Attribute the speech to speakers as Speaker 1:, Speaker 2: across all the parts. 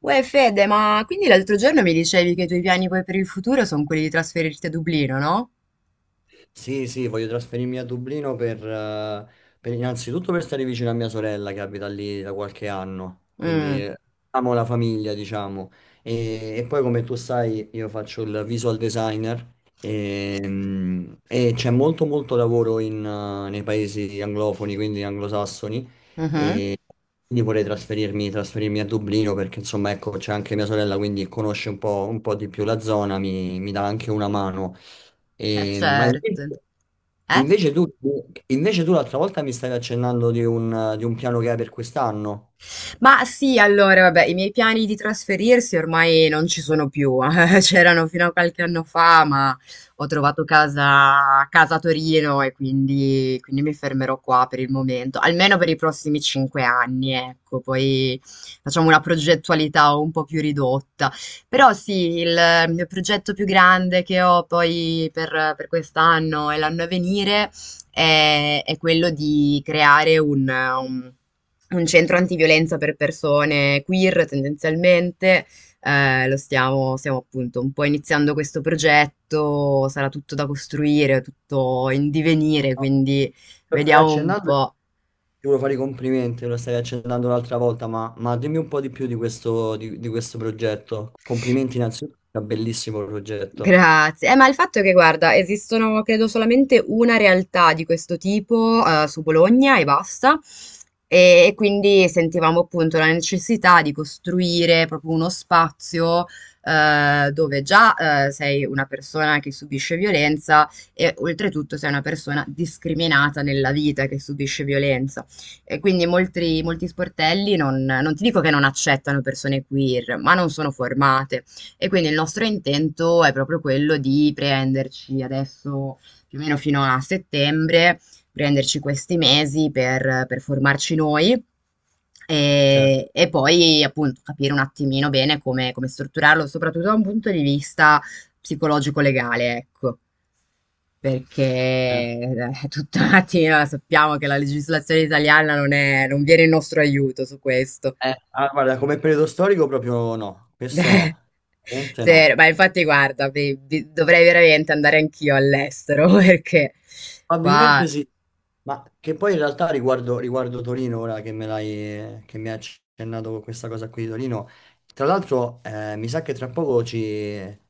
Speaker 1: Uè Fede, ma quindi l'altro giorno mi dicevi che i tuoi piani poi per il futuro sono quelli di trasferirti a Dublino, no?
Speaker 2: Sì, sì, voglio trasferirmi a Dublino per, innanzitutto per stare vicino a mia sorella che abita lì da qualche anno,
Speaker 1: Mm,
Speaker 2: amo la famiglia, diciamo. E poi come tu sai, io faccio il visual designer e, e c'è molto molto lavoro in nei paesi anglofoni, quindi anglosassoni,
Speaker 1: mhm,
Speaker 2: e quindi vorrei trasferirmi a Dublino perché insomma ecco c'è anche mia sorella, quindi conosce un po' di più la zona, mi dà anche una mano.
Speaker 1: eh
Speaker 2: E- ma invece,
Speaker 1: certo. Eh?
Speaker 2: invece tu, invece tu l'altra volta mi stavi accennando di un piano che hai per quest'anno.
Speaker 1: Ma sì, allora, vabbè, i miei piani di trasferirsi ormai non ci sono più. C'erano fino a qualche anno fa, ma ho trovato casa a Torino e quindi mi fermerò qua per il momento, almeno per i prossimi 5 anni, ecco. Poi facciamo una progettualità un po' più ridotta. Però sì, il mio progetto più grande che ho poi per quest'anno e l'anno a venire è quello di creare un centro antiviolenza per persone queer tendenzialmente. Lo stiamo appunto un po' iniziando questo progetto, sarà tutto da costruire, tutto in divenire,
Speaker 2: No,
Speaker 1: quindi
Speaker 2: lo stavi
Speaker 1: vediamo un
Speaker 2: accennando, e
Speaker 1: po'.
Speaker 2: ti volevo fare i complimenti, lo stavi accennando l'altra volta, ma dimmi un po' di più di questo, di questo progetto. Complimenti innanzitutto, è un bellissimo progetto.
Speaker 1: Grazie. Ma il fatto è che, guarda, esistono credo solamente una realtà di questo tipo, su Bologna e basta. E quindi sentivamo appunto la necessità di costruire proprio uno spazio, dove già, sei una persona che subisce violenza e oltretutto sei una persona discriminata nella vita che subisce violenza. E quindi molti sportelli non ti dico che non accettano persone queer, ma non sono formate. E quindi il nostro intento è proprio quello di prenderci adesso più o meno fino a settembre, prenderci questi mesi per formarci noi.
Speaker 2: Certo.
Speaker 1: E poi appunto capire un attimino bene come strutturarlo, soprattutto da un punto di vista psicologico-legale, ecco perché tutta la mattina sappiamo che la legislazione italiana non viene in nostro aiuto su questo.
Speaker 2: Guarda, come periodo storico proprio no, questo no, veramente
Speaker 1: Vero,
Speaker 2: no.
Speaker 1: ma infatti guarda, dovrei veramente andare anch'io all'estero perché
Speaker 2: Probabilmente
Speaker 1: qua.
Speaker 2: sì. Ma che poi in realtà riguardo Torino, ora che che mi hai accennato con questa cosa qui di Torino, tra l'altro mi sa che tra poco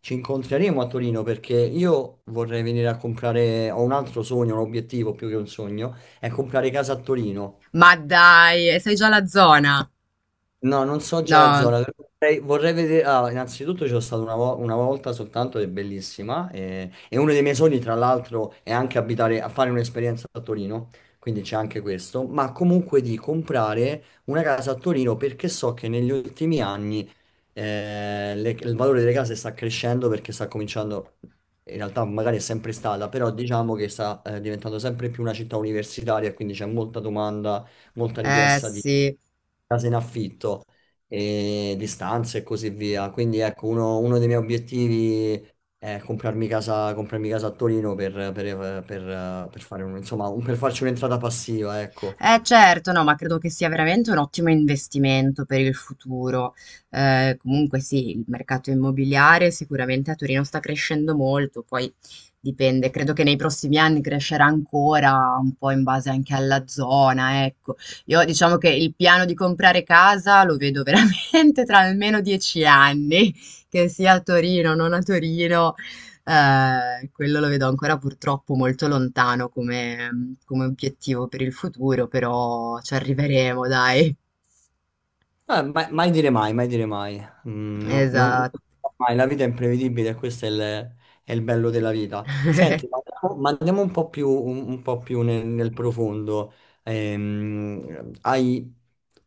Speaker 2: ci incontreremo a Torino perché io vorrei venire a comprare, ho un altro sogno, un obiettivo più che un sogno, è comprare casa a Torino.
Speaker 1: Ma dai, sei già alla zona?
Speaker 2: No, non so già la
Speaker 1: No,
Speaker 2: zona, però vorrei vedere. Innanzitutto c'è stato una volta soltanto ed è bellissima e uno dei miei sogni, tra l'altro, è anche abitare, a fare un'esperienza a Torino, quindi c'è anche questo, ma comunque di comprare una casa a Torino perché so che negli ultimi anni il valore delle case sta crescendo perché sta cominciando, in realtà magari è sempre stata, però diciamo che sta diventando sempre più una città universitaria, quindi c'è molta domanda, molta
Speaker 1: eh
Speaker 2: richiesta
Speaker 1: sì.
Speaker 2: case in affitto e di stanze e così via. Quindi ecco, uno dei miei obiettivi è comprarmi casa a Torino per fare per farci un'entrata passiva, ecco.
Speaker 1: Eh certo, no, ma credo che sia veramente un ottimo investimento per il futuro. Comunque sì, il mercato immobiliare sicuramente a Torino sta crescendo molto, poi dipende, credo che nei prossimi anni crescerà ancora un po' in base anche alla zona, ecco. Io diciamo che il piano di comprare casa lo vedo veramente tra almeno 10 anni, che sia a Torino o non a Torino, quello lo vedo ancora purtroppo molto lontano come obiettivo per il futuro, però ci arriveremo, dai.
Speaker 2: Mai dire mai, mai dire mai. Non
Speaker 1: Esatto.
Speaker 2: si sa mai, la vita è imprevedibile e questo è è il bello della vita. Senti, ma andiamo un po' più nel profondo. Hai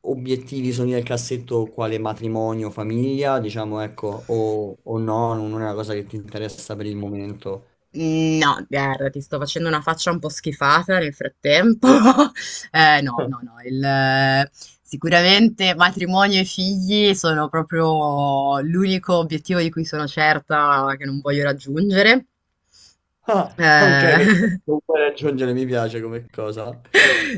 Speaker 2: obiettivi, sogni nel cassetto, quale matrimonio, famiglia, diciamo, ecco, o no, non è una cosa che ti interessa per il momento.
Speaker 1: No, guarda, ti sto facendo una faccia un po' schifata nel frattempo. No, no, no, sicuramente matrimonio e figli sono proprio l'unico obiettivo di cui sono certa che non voglio raggiungere.
Speaker 2: Ah, ok,
Speaker 1: Eh,
Speaker 2: perché non puoi raggiungere, mi piace come cosa.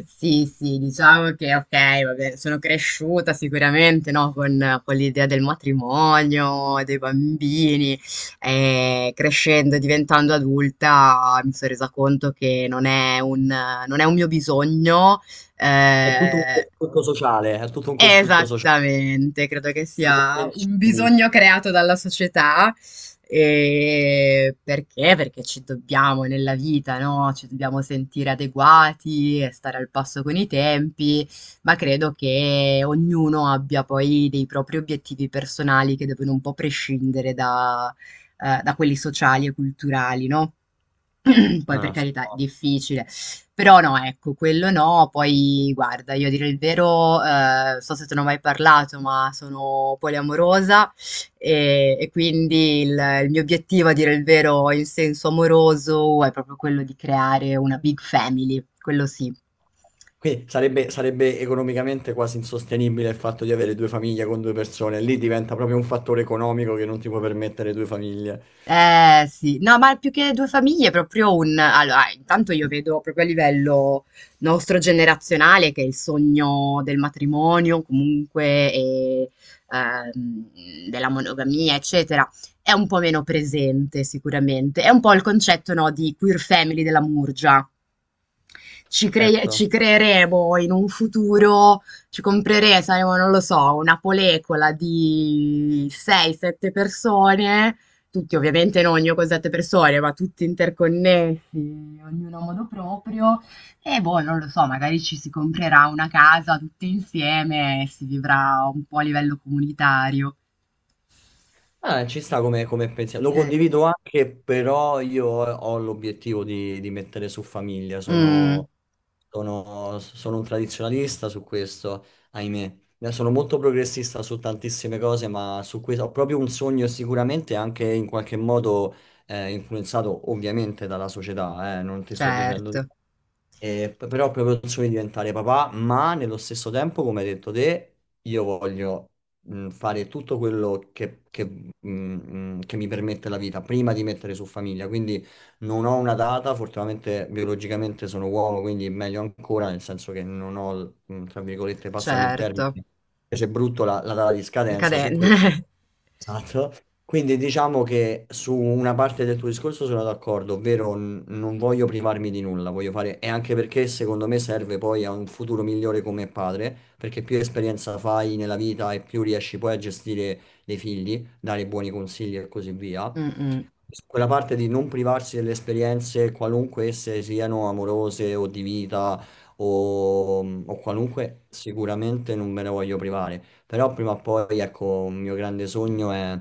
Speaker 1: Sì, sì, diciamo che ok, vabbè, sono cresciuta sicuramente, no, con l'idea del matrimonio, dei bambini, e crescendo e diventando adulta mi sono resa conto che non è un mio bisogno.
Speaker 2: È tutto un
Speaker 1: eh,
Speaker 2: costrutto sociale, è tutto un costrutto sociale.
Speaker 1: Esattamente, credo che
Speaker 2: Lo
Speaker 1: sia un
Speaker 2: convenzioni.
Speaker 1: bisogno creato dalla società. Perché? Perché ci dobbiamo nella vita, no, ci dobbiamo sentire adeguati e stare al passo con i tempi, ma credo che ognuno abbia poi dei propri obiettivi personali che devono un po' prescindere da, da quelli sociali e culturali, no? Poi
Speaker 2: No,
Speaker 1: per
Speaker 2: no, sto-
Speaker 1: carità, è difficile. Però no, ecco, quello no. Poi guarda, io a dire il vero, so se te ne ho mai parlato, ma sono poliamorosa e quindi il mio obiettivo a dire il vero in senso amoroso è proprio quello di creare una big family, quello sì.
Speaker 2: Qui sarebbe, sarebbe economicamente quasi insostenibile il fatto di avere due famiglie con due persone. Lì diventa proprio un fattore economico che non ti può permettere due famiglie.
Speaker 1: Eh sì, no, ma più che due famiglie, è proprio un. Allora, intanto io vedo proprio a livello nostro generazionale che il sogno del matrimonio, comunque, e, della monogamia, eccetera, è un po' meno presente sicuramente. È un po' il concetto, no, di queer family della Murgia. Ci
Speaker 2: Certo.
Speaker 1: creeremo in un futuro, ci compreremo, saremo, non lo so, una polecola di 6-7 persone, tutti ovviamente non io con 7 persone, ma tutti interconnessi, ognuno a modo proprio, e boh, non lo so, magari ci si comprerà una casa tutti insieme e si vivrà un po' a livello comunitario.
Speaker 2: Ah, ci sta come, come pensiero. Lo
Speaker 1: Che-
Speaker 2: condivido anche, però io ho l'obiettivo di mettere su famiglia.
Speaker 1: Mm,
Speaker 2: Sono un tradizionalista su questo, ahimè. Sono molto progressista su tantissime cose, ma su questo ho proprio un sogno e sicuramente anche in qualche modo influenzato ovviamente dalla società, non ti sto dicendo di
Speaker 1: certo,
Speaker 2: no. Però ho proprio il sogno di diventare papà, ma nello stesso tempo, come hai detto te, io voglio fare tutto quello che mi permette la vita prima di mettere su famiglia. Quindi non ho una data, fortunatamente biologicamente sono uomo, quindi meglio ancora, nel senso che non ho, tra virgolette, passami il termine,
Speaker 1: certo,
Speaker 2: c'è brutto la data di scadenza su
Speaker 1: decadente.
Speaker 2: questo. Esatto. Quindi diciamo che su una parte del tuo discorso sono d'accordo, ovvero non voglio privarmi di nulla, voglio fare, e anche perché secondo me serve poi a un futuro migliore come padre, perché più esperienza fai nella vita e più riesci poi a gestire dei figli, dare buoni consigli e così via
Speaker 1: Mm, mm.
Speaker 2: quella parte di non privarsi delle esperienze, qualunque esse siano amorose o di vita o, o qualunque, sicuramente non me ne voglio privare. Però prima o poi, ecco, un mio grande sogno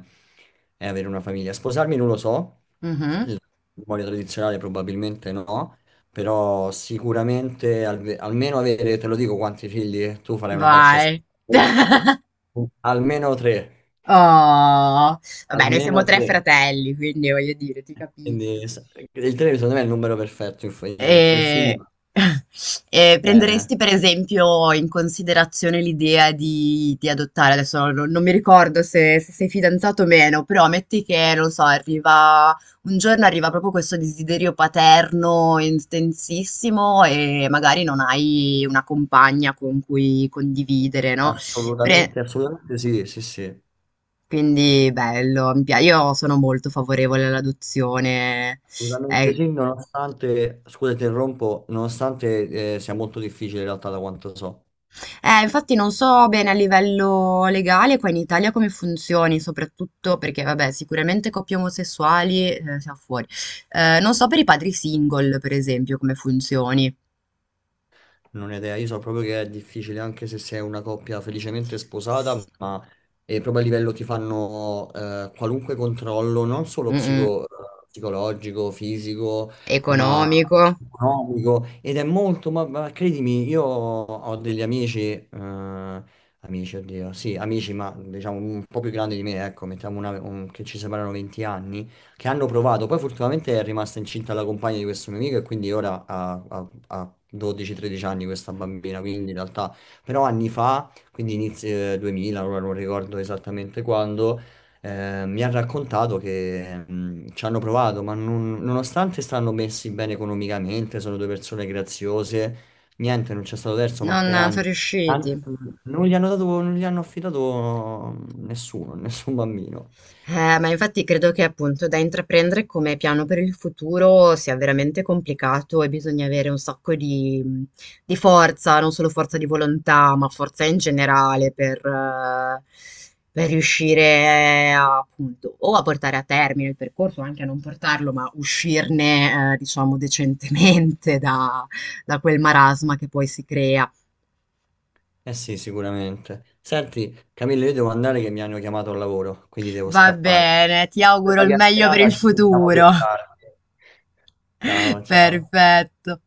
Speaker 2: è avere una famiglia. Sposarmi non lo so,
Speaker 1: Mhm.
Speaker 2: il matrimonio tradizionale probabilmente no, però sicuramente almeno avere, te lo dico quanti figli, tu farai una faccia
Speaker 1: Vai.
Speaker 2: schifosa. Almeno tre,
Speaker 1: Oh, vabbè, noi siamo
Speaker 2: almeno
Speaker 1: tre
Speaker 2: tre.
Speaker 1: fratelli, quindi voglio dire, ti capisco.
Speaker 2: Quindi s- il 3 secondo me è il numero perfetto, tre figli
Speaker 1: E,
Speaker 2: va
Speaker 1: e
Speaker 2: bene, eh.
Speaker 1: prenderesti per esempio in considerazione l'idea di adottare, adesso non mi ricordo se sei fidanzato o meno, però metti che, non so, arriva un giorno arriva proprio questo desiderio paterno intensissimo e magari non hai una compagna con cui condividere, no? Pre-
Speaker 2: Assolutamente, assolutamente sì,
Speaker 1: Quindi bello, io sono molto favorevole all'adozione.
Speaker 2: assolutamente
Speaker 1: Eh,
Speaker 2: sì, nonostante, scusa, ti interrompo, nonostante sia molto difficile in realtà da quanto so.
Speaker 1: infatti non so bene a livello legale qua in Italia come funzioni, soprattutto perché, vabbè, sicuramente coppie omosessuali siamo fuori. Non so per i padri single, per esempio, come funzioni.
Speaker 2: Non ho idea, io so proprio che è difficile anche se sei una coppia felicemente sposata, ma è proprio a livello ti fanno qualunque controllo, non solo
Speaker 1: Mm, mm.
Speaker 2: psicologico, fisico, ma
Speaker 1: Economico.
Speaker 2: economico. Ed è molto, ma credimi, io ho degli amici, amici, oddio, sì, amici, ma diciamo un po' più grandi di me, ecco, che ci separano 20 anni, che hanno provato, poi fortunatamente è rimasta incinta la compagna di questo mio amico e quindi ora ha 12-13 anni questa bambina, quindi in realtà, però anni fa, quindi inizio 2000, ora non ricordo esattamente quando, mi ha raccontato che ci hanno provato, ma nonostante stanno messi bene economicamente, sono due persone graziose, niente, non c'è stato terzo, ma
Speaker 1: Non
Speaker 2: per
Speaker 1: non
Speaker 2: anni,
Speaker 1: sono
Speaker 2: an-
Speaker 1: riusciti.
Speaker 2: non gli hanno dato, non gli hanno affidato nessuno, nessun bambino.
Speaker 1: Ma infatti credo che appunto da intraprendere come piano per il futuro sia veramente complicato e bisogna avere un sacco di forza, non solo forza di volontà, ma forza in generale per riuscire a, appunto o a portare a termine il percorso, o anche a non portarlo, ma uscirne, diciamo, decentemente da quel marasma che poi si crea.
Speaker 2: Eh sì, sicuramente. Senti, Camillo, io devo andare che mi hanno chiamato al lavoro, quindi devo
Speaker 1: Va
Speaker 2: scappare.
Speaker 1: bene, ti
Speaker 2: Per
Speaker 1: auguro
Speaker 2: la
Speaker 1: il meglio per
Speaker 2: chiacchierata,
Speaker 1: il
Speaker 2: ci sentiamo più
Speaker 1: futuro.
Speaker 2: tardi. Ciao, ciao.
Speaker 1: Perfetto.